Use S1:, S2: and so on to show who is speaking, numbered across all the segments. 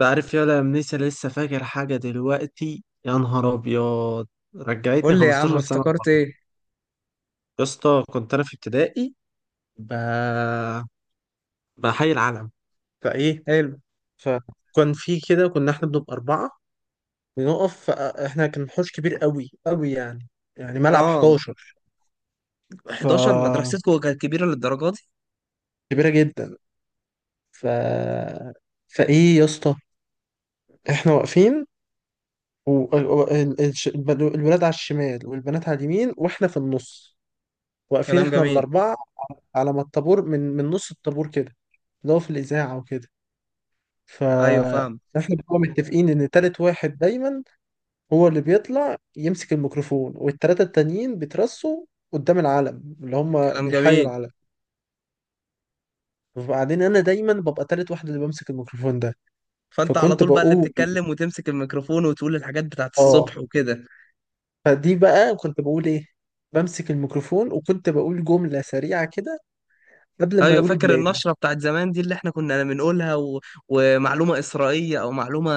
S1: بعرف يا لمنيسة، لسه فاكر حاجة دلوقتي، يا نهار أبيض! رجعتني
S2: قول لي يا عم
S1: 15 سنة
S2: افتكرت
S1: ورا.
S2: ايه؟
S1: يا اسطى، كنت أنا في ابتدائي، ب... بحي العلم. فإيه
S2: حلو.
S1: فكان في كده، كنا إحنا بنبقى أربعة بنقف. إحنا كان حوش كبير قوي قوي يعني. يعني ملعب
S2: اه.
S1: 11. ف
S2: 11 مدرستكم كانت كبيرة للدرجة دي؟
S1: كبيرة جدا. ف فإيه يا اسطى، إحنا واقفين، والولاد على الشمال والبنات على اليمين وإحنا في النص، واقفين
S2: كلام
S1: احنا
S2: جميل.
S1: الاربعه، على ما الطابور، من نص الطابور كده، اللي هو في الاذاعه وكده. ف
S2: ايوه فاهم.
S1: احنا بنبقى متفقين ان تالت واحد دايما هو اللي بيطلع يمسك الميكروفون، والتلاته التانيين بيترصوا قدام العلم، اللي هم
S2: كلام
S1: بيحيوا
S2: جميل.
S1: العلم. وبعدين انا دايما ببقى تالت واحد اللي بمسك الميكروفون ده.
S2: فانت على
S1: فكنت
S2: طول بقى اللي
S1: بقول،
S2: بتتكلم وتمسك الميكروفون وتقول الحاجات بتاعت
S1: اه،
S2: الصبح وكده؟
S1: فدي بقى كنت بقول ايه. بمسك الميكروفون وكنت بقول جمله سريعه كده قبل ما
S2: ايوه
S1: يقولوا
S2: فاكر
S1: بلادي.
S2: النشرة بتاعت زمان دي اللي احنا كنا بنقولها ومعلومة إسرائيلية او معلومة.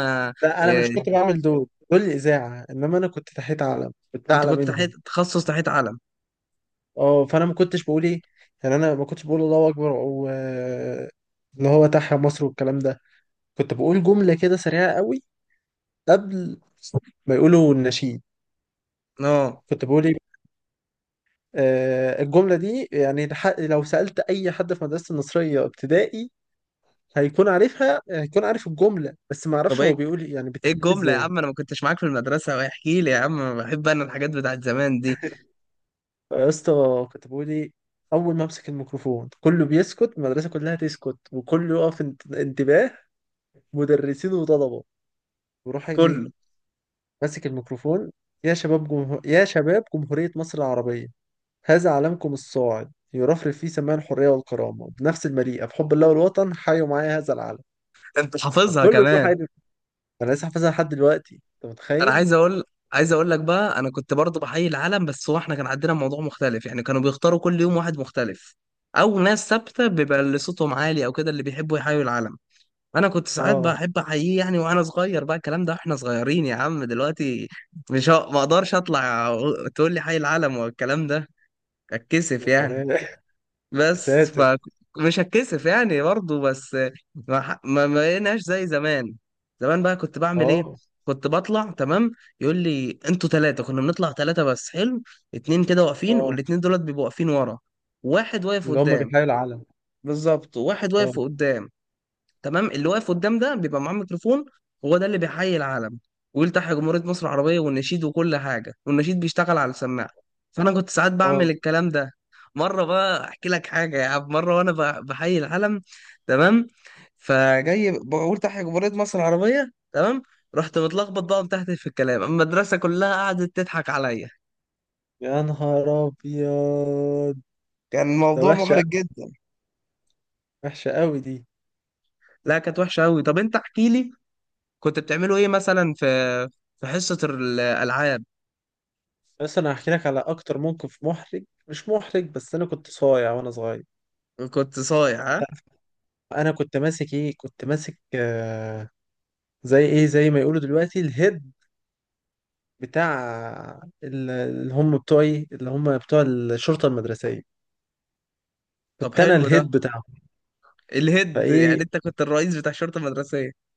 S1: لا، انا مش
S2: إيه...
S1: كنت بعمل دول الاذاعه، انما انا كنت تحت علم، كنت
S2: انت
S1: اعلى
S2: كنت تحت
S1: منهم.
S2: تخصص تحت علم.
S1: اه، فانا ما كنتش بقول ايه. يعني انا ما كنتش بقول الله اكبر، او اللي هو تحيا مصر والكلام ده. كنت بقول جمله كده سريعه قوي قبل ما يقولوا النشيد.
S2: اه.
S1: كنت بقول ايه؟ الجمله دي يعني، لو سالت اي حد في مدرسه النصريه ابتدائي هيكون عارفها، هيكون عارف الجمله، بس ما
S2: طب
S1: اعرفش هو
S2: ايه؟
S1: بيقول إيه، يعني
S2: ايه
S1: بتتكتب
S2: الجملة يا
S1: ازاي.
S2: عم؟ انا ما كنتش معاك في المدرسة، واحكي لي يا عم، بحب انا الحاجات بتاعت زمان دي.
S1: يا اسطى، كتبوا لي. اول ما امسك الميكروفون كله بيسكت، المدرسه كلها تسكت وكله يقف، انتباه، مدرسين وطلبه. وروح اجي
S2: كله؟
S1: ماسك الميكروفون: يا شباب جمهوريه مصر العربيه، هذا علمكم الصاعد يرفرف فيه سماع الحريه والكرامه بنفس المليئه بحب الله والوطن، حيوا معايا هذا العلم.
S2: انت حافظها
S1: فكله يروح
S2: كمان؟
S1: يجري. انا لسه حافظها لحد دلوقتي، انت
S2: انا
S1: متخيل؟
S2: عايز اقول عايز اقول لك بقى، انا كنت برضه بحيي العالم، بس هو احنا كان عندنا موضوع مختلف يعني. كانوا بيختاروا كل يوم واحد مختلف، او ناس ثابته بيبقى اللي صوتهم عالي او كده اللي بيحبوا يحيوا العالم. انا كنت ساعات
S1: اه.
S2: بحب احييه يعني، وانا صغير بقى الكلام ده، احنا صغيرين يا عم دلوقتي. مش ه- ما اقدرش تقول لي حي العالم والكلام ده، اتكسف
S1: يا
S2: يعني.
S1: سلام! يا
S2: بس
S1: ساتر.
S2: فمش هتكسف يعني برضه بس. ما ح- ما ما بقيناش زي زمان. زمان بقى كنت بعمل ايه؟
S1: اه.
S2: كنت بطلع تمام، يقول لي انتوا ثلاثة، كنا بنطلع ثلاثة بس. حلو. اتنين كده واقفين
S1: اه.
S2: والاتنين دولت بيبقوا واقفين ورا، واحد واقف
S1: اللي هم
S2: قدام.
S1: بيحيوا العلم.
S2: بالظبط، واحد
S1: اه.
S2: واقف قدام. تمام، اللي واقف قدام ده بيبقى معاه ميكروفون، هو ده اللي بيحيي العلم. ويلتحي جمهورية مصر العربية والنشيد وكل حاجة، والنشيد بيشتغل على السماعة. فأنا كنت ساعات
S1: اه.
S2: بعمل الكلام ده. مرة بقى أحكي لك حاجة يا عم، مرة وأنا بحيي العلم تمام، فجاي بقول تحيا جمهورية مصر العربية. تمام. رحت متلخبط بقى وتحت في الكلام المدرسة كلها قعدت تضحك عليا.
S1: يا نهار ابيض!
S2: كان
S1: ده
S2: الموضوع
S1: وحشه
S2: محرج
S1: قوي،
S2: جدا.
S1: وحشه قوي دي.
S2: لا كانت وحشة أوي. طب أنت احكي لي، كنت بتعملوا إيه مثلا في في حصة الألعاب؟
S1: بس انا هحكي لك على اكتر موقف محرج. مش محرج بس، انا كنت صايع وانا صغير،
S2: كنت صايع ها؟
S1: تعرف. انا كنت ماسك ايه؟ كنت ماسك، زي ايه، زي ما يقولوا دلوقتي الهيد بتاع اللي هم بتوع الشرطه المدرسيه.
S2: طب
S1: كنت انا
S2: حلو ده.
S1: الهيد بتاعهم.
S2: الهيد يعني
S1: فايه،
S2: انت كنت الرئيس بتاع الشرطه المدرسيه.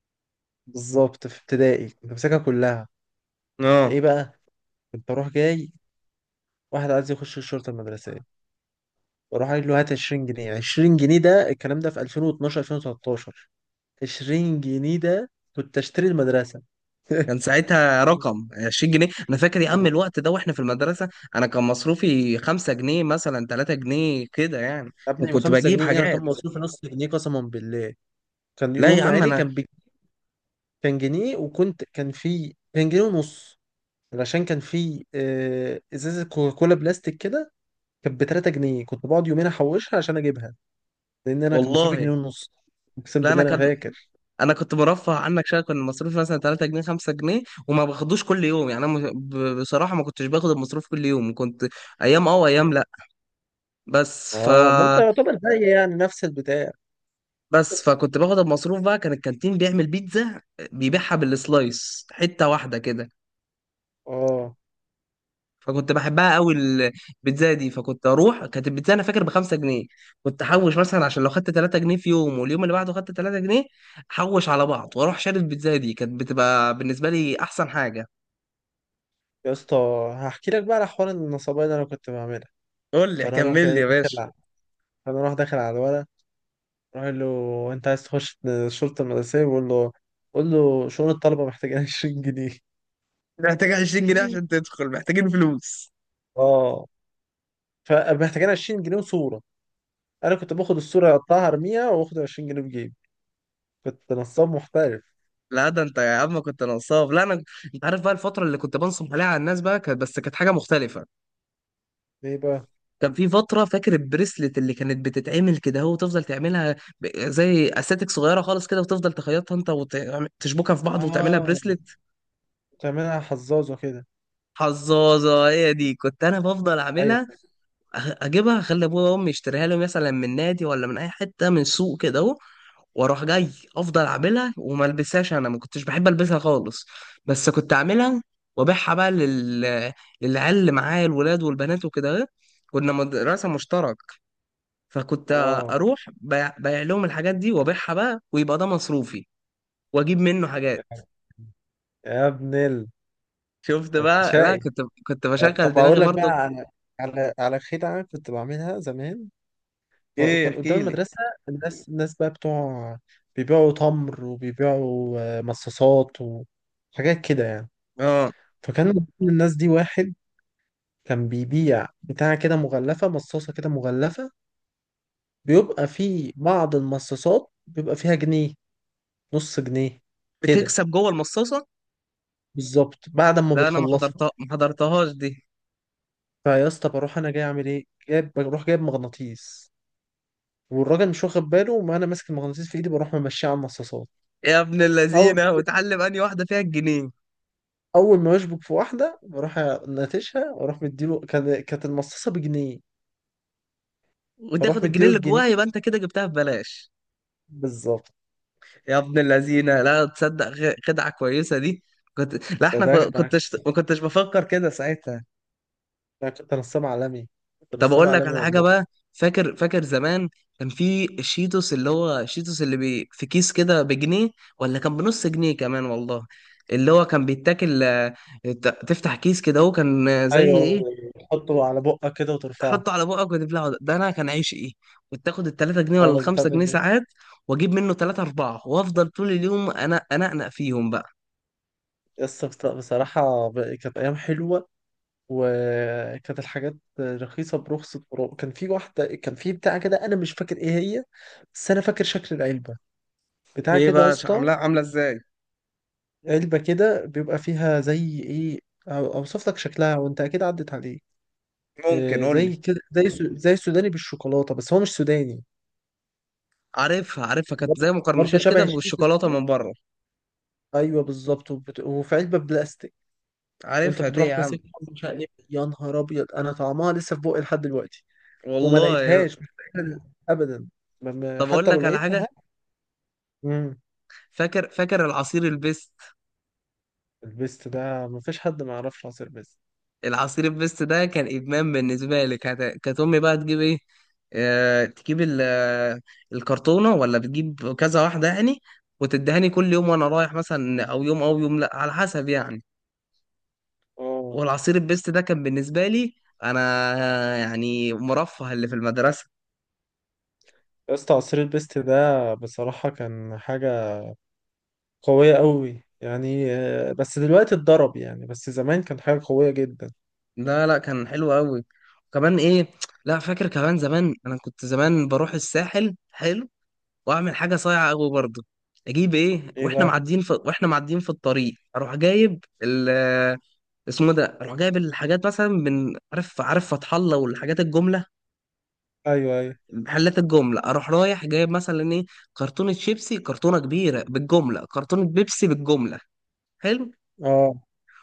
S1: بالظبط في ابتدائي كنت ماسكها كلها. فايه
S2: اه.
S1: بقى، كنت اروح جاي، واحد عايز يخش الشرطه المدرسيه، واروح قايل له هات 20 جنيه. 20 جنيه ده، الكلام ده في 2012، 2013، 20 جنيه ده كنت اشتري المدرسه.
S2: كان ساعتها رقم 20 جنيه، انا فاكر يا عم الوقت ده واحنا في المدرسه. انا كان مصروفي 5 جنيه مثلا، 3 جنيه كده يعني.
S1: يا ابني، ب
S2: وكنت
S1: 5
S2: بجيب
S1: جنيه ايه؟ انا
S2: حاجات.
S1: كان مصروفي نص جنيه، قسما بالله. كان
S2: لا
S1: يوم
S2: يا
S1: ما
S2: عم
S1: علي
S2: انا.
S1: كان كان جنيه وكنت كان في كان جنيه ونص. علشان كان في ازازه كوكاكولا بلاستيك كده، كانت ب 3 جنيه، كنت بقعد يومين احوشها عشان اجيبها، لان انا كان مصروفي جنيه
S2: والله،
S1: ونص. اقسم
S2: لا انا
S1: بالله انا
S2: كان،
S1: فاكر.
S2: انا كنت مرفه عنك شويه، كان مصروفي مثلا 3 جنيه، 5 جنيه. وما باخدوش كل يوم يعني، انا بصراحه ما كنتش باخد المصروف كل يوم، كنت ايام اه وايام لا. بس ف.
S1: اه، ما انت يعتبر زي، يعني نفس البتاع.
S2: بس فكنت باخد المصروف بقى. كان الكانتين بيعمل بيتزا، بيبيعها بالسلايس حتة واحدة كده.
S1: اه.
S2: فكنت بحبها قوي البيتزا دي. فكنت اروح، كانت البيتزا انا فاكر ب 5 جنيه. كنت احوش مثلا عشان لو خدت 3 جنيه في يوم واليوم اللي بعده خدت 3 جنيه، احوش على بعض واروح شاري البيتزا دي، كانت بتبقى بالنسبة لي احسن حاجة.
S1: يا اسطى، هحكي لك بقى على حوار النصابين اللي انا كنت بعملها.
S2: قول لي
S1: فانا اروح
S2: كمل لي
S1: جاي
S2: يا
S1: داخل
S2: باشا.
S1: على فانا اروح داخل على الولد، اروح أقول له، انت عايز تخش الشرطه المدرسيه؟ بقول له، قول له شؤون الطلبه محتاجين 20 جنيه.
S2: محتاج 20 جنيه عشان تدخل، محتاجين فلوس؟
S1: اه، فمحتاجين 20 جنيه وصوره. انا كنت باخد الصوره اقطعها ارميها، واخد 20 جنيه في جيبي. كنت نصاب محترف.
S2: لا ده انت يا عم كنت نصاب، لا انا. انت عارف بقى الفترة اللي كنت بنصب عليها على الناس بقى كانت، بس كانت حاجة مختلفة.
S1: ليه بقى؟
S2: كان في فترة، فاكر البريسلت اللي كانت بتتعمل كده، هو تفضل تعملها زي استاتيك صغيرة خالص كده، وتفضل تخيطها انت وتشبكها في بعض وتعملها
S1: اه.
S2: بريسلت.
S1: بتعملها حظاظه كده؟
S2: حظاظة، هي دي كنت انا بفضل اعملها.
S1: ايوه.
S2: أ- اجيبها، اخلي ابويا وامي يشتريها لي مثلا من نادي ولا من اي حتة من سوق كده اهو. واروح جاي افضل اعملها وما البسهاش، انا ما كنتش بحب البسها خالص، بس كنت اعملها وابيعها بقى للعيال اللي معايا، الولاد والبنات وكده. كنا مدرسة مشتركة. فكنت
S1: اه.
S2: اروح بيع بيع لهم الحاجات دي وابيعها بقى، ويبقى ده مصروفي واجيب منه حاجات.
S1: يا ابن ال،
S2: شفت
S1: انت
S2: بقى؟ لا
S1: شقي.
S2: كنت، كنت بشغل
S1: طب
S2: دماغي
S1: أقول لك بقى
S2: برضو.
S1: على، على خدعة كنت بعملها زمان.
S2: ايه؟
S1: كان قدام
S2: احكي لي.
S1: المدرسة، الناس بقى بتوع بيبيعوا تمر، وبيبيعوا مصاصات وحاجات كده يعني.
S2: اه.
S1: فكان من ضمن الناس دي واحد كان بيبيع بتاع كده مغلفة، مصاصة كده مغلفة. بيبقى في بعض المصاصات بيبقى فيها جنيه، نص جنيه كده،
S2: بتكسب جوه المصاصه؟
S1: بالظبط بعد ما
S2: لا انا ما
S1: بتخلصها.
S2: حضرتها، ما حضرتهاش دي.
S1: فيا اسطى، بروح انا جاي اعمل ايه، جايب، بروح جايب مغناطيس، والراجل مش واخد باله، وانا ماسك المغناطيس في ايدي بروح ممشيه على المصاصات.
S2: يا ابن
S1: اول
S2: اللذينه، وتعلم اني واحده فيها الجنيه.
S1: اول ما يشبك في واحده، بروح ناتشها، واروح مديله. كانت المصاصه بجنيه، فاروح
S2: وتاخد الجنيه
S1: مديله
S2: اللي
S1: الجنيه.
S2: جواها، يبقى انت كده جبتها ببلاش.
S1: بالظبط.
S2: يا ابن اللذينه، لا تصدق. خدعه كويسه دي. كنت، لا
S1: ده
S2: احنا كو-
S1: ده ده
S2: كنتش ما كنتش بفكر كده ساعتها.
S1: ده كنت نصاب عالمي، كنت
S2: طب
S1: نصاب
S2: اقول لك
S1: عالمي
S2: على حاجه
S1: والله.
S2: بقى. فاكر فاكر زمان، كان في الشيتوس، اللي هو الشيتوس اللي بي في كيس كده بجنيه، ولا كان بنص جنيه كمان والله. اللي هو كان بيتاكل، تفتح كيس كده، هو كان زي
S1: ايوه،
S2: ايه.
S1: تحطه على بقك كده وترفعه.
S2: تحطه على بقك وتبلعه ده ده، انا كان عيش ايه. كنت اخد ال 3 جنيه ولا
S1: اه، بتاع
S2: الخمسة
S1: ده
S2: جنيه
S1: كده.
S2: ساعات، واجيب منه تلاتة اربعة وافضل طول اليوم انا انقنق فيهم بقى.
S1: يس، بصراحة، كانت أيام حلوة، وكانت الحاجات رخيصة برخص التراب. كان في بتاع كده، أنا مش فاكر إيه هي، بس أنا فاكر شكل العلبة. بتاع
S2: ايه
S1: كده يا
S2: بقى
S1: اسطى،
S2: عاملاها، عامله ازاي؟
S1: علبة كده بيبقى فيها زي ايه، اوصف لك شكلها وانت اكيد عدت عليه.
S2: ممكن قول لي.
S1: زي كده، زي زي السوداني بالشوكولاتة، بس هو مش سوداني.
S2: عارفها عارفها، كانت زي
S1: برضه برضه
S2: مقرمشات
S1: شبه
S2: كده
S1: الشيتوس
S2: بالشوكولاته
S1: كده.
S2: من بره.
S1: ايوه بالظبط، وفي علبة بلاستيك، وانت
S2: عارفها دي يا
S1: بتروح
S2: عم.
S1: ماسكها، مش عارف إيه. يا نهار ابيض! انا طعمها لسه في بوقي لحد دلوقتي. وما
S2: والله.
S1: لقيتهاش، مش لاقيها ابدا.
S2: طب اقول
S1: حتى لو
S2: لك على حاجه.
S1: لقيتها. امم
S2: فاكر فاكر العصير البيست.
S1: البيست ده مفيش حد ما يعرفش عصير بيست.
S2: العصير البيست ده كان ادمان بالنسبه لي. كانت امي بقى تجيب ايه، تجيب الكرتونه، ولا بتجيب كذا واحده يعني، وتدهني كل يوم وانا رايح مثلا، او يوم او يوم لا على حسب يعني.
S1: اه
S2: والعصير البيست ده كان بالنسبه لي انا يعني مرفه اللي في المدرسه.
S1: يا اسطى، عصير البيست ده بصراحة كان حاجة قوية قوي يعني، بس دلوقتي اتضرب يعني، بس زمان كان حاجة قوية جدا.
S2: لا لا كان حلو قوي. وكمان ايه؟ لا فاكر كمان زمان انا كنت زمان بروح الساحل. حلو. واعمل حاجه صايعه قوي برضه، اجيب ايه.
S1: ايه بقى؟
S2: واحنا معديين في الطريق، اروح جايب ال، اسمه ده، اروح جايب الحاجات مثلا من، عارف عارف فتح الله والحاجات الجمله،
S1: ايوه ايوه.
S2: محلات الجمله، اروح رايح جايب مثلا ايه، كرتونه شيبسي، كرتونه كبيره بالجمله، كرتونه بيبسي بالجمله. حلو.
S1: اه.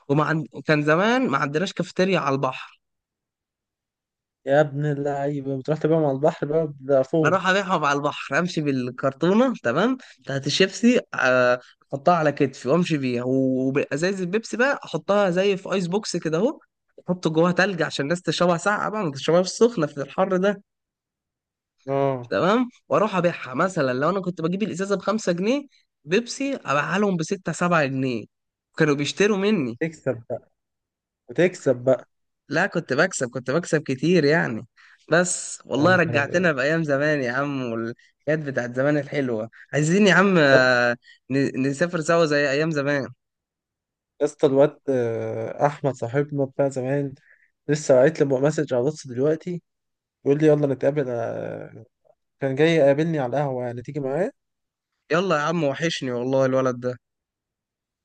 S2: كان زمان ما عندناش كافيتيريا على البحر.
S1: يا ابن اللعيبة، بتروح تبيعهم على البحر بقى بضعفهم.
S2: اروح ابيعهم على البحر، امشي بالكرتونه تمام بتاعت الشيبسي، احطها على كتفي وامشي بيها. وازايز البيبسي بقى احطها زي في ايس بوكس كده اهو، احط جواها تلج عشان الناس تشربها ساقعه بقى، ما تشربهاش سخنه في الحر ده.
S1: اه،
S2: تمام. واروح ابيعها، مثلا لو انا كنت بجيب الازازه ب 5 جنيه بيبسي، ابيعها لهم ب 6 7 جنيه، كانوا بيشتروا مني.
S1: تكسب بقى، بتكسب بقى.
S2: لا كنت بكسب كتير يعني. بس
S1: يا
S2: والله
S1: نهار
S2: رجعتنا
S1: ابيض!
S2: بأيام زمان يا عم، والحاجات بتاعت زمان الحلوة عايزين يا عم، نسافر سوا زي أيام زمان.
S1: يا اسطى، الواد احمد صاحبنا بتاع زمان، لسه بعت لي مسج على الواتس دلوقتي، بيقول لي يلا نتقابل، كان جاي يقابلني على القهوة، يعني تيجي معايا؟
S2: يلا يا عم، وحشني والله الولد ده.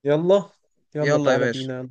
S1: يلا. يلا
S2: يلا يا
S1: تعالى
S2: باشا.
S1: بينا.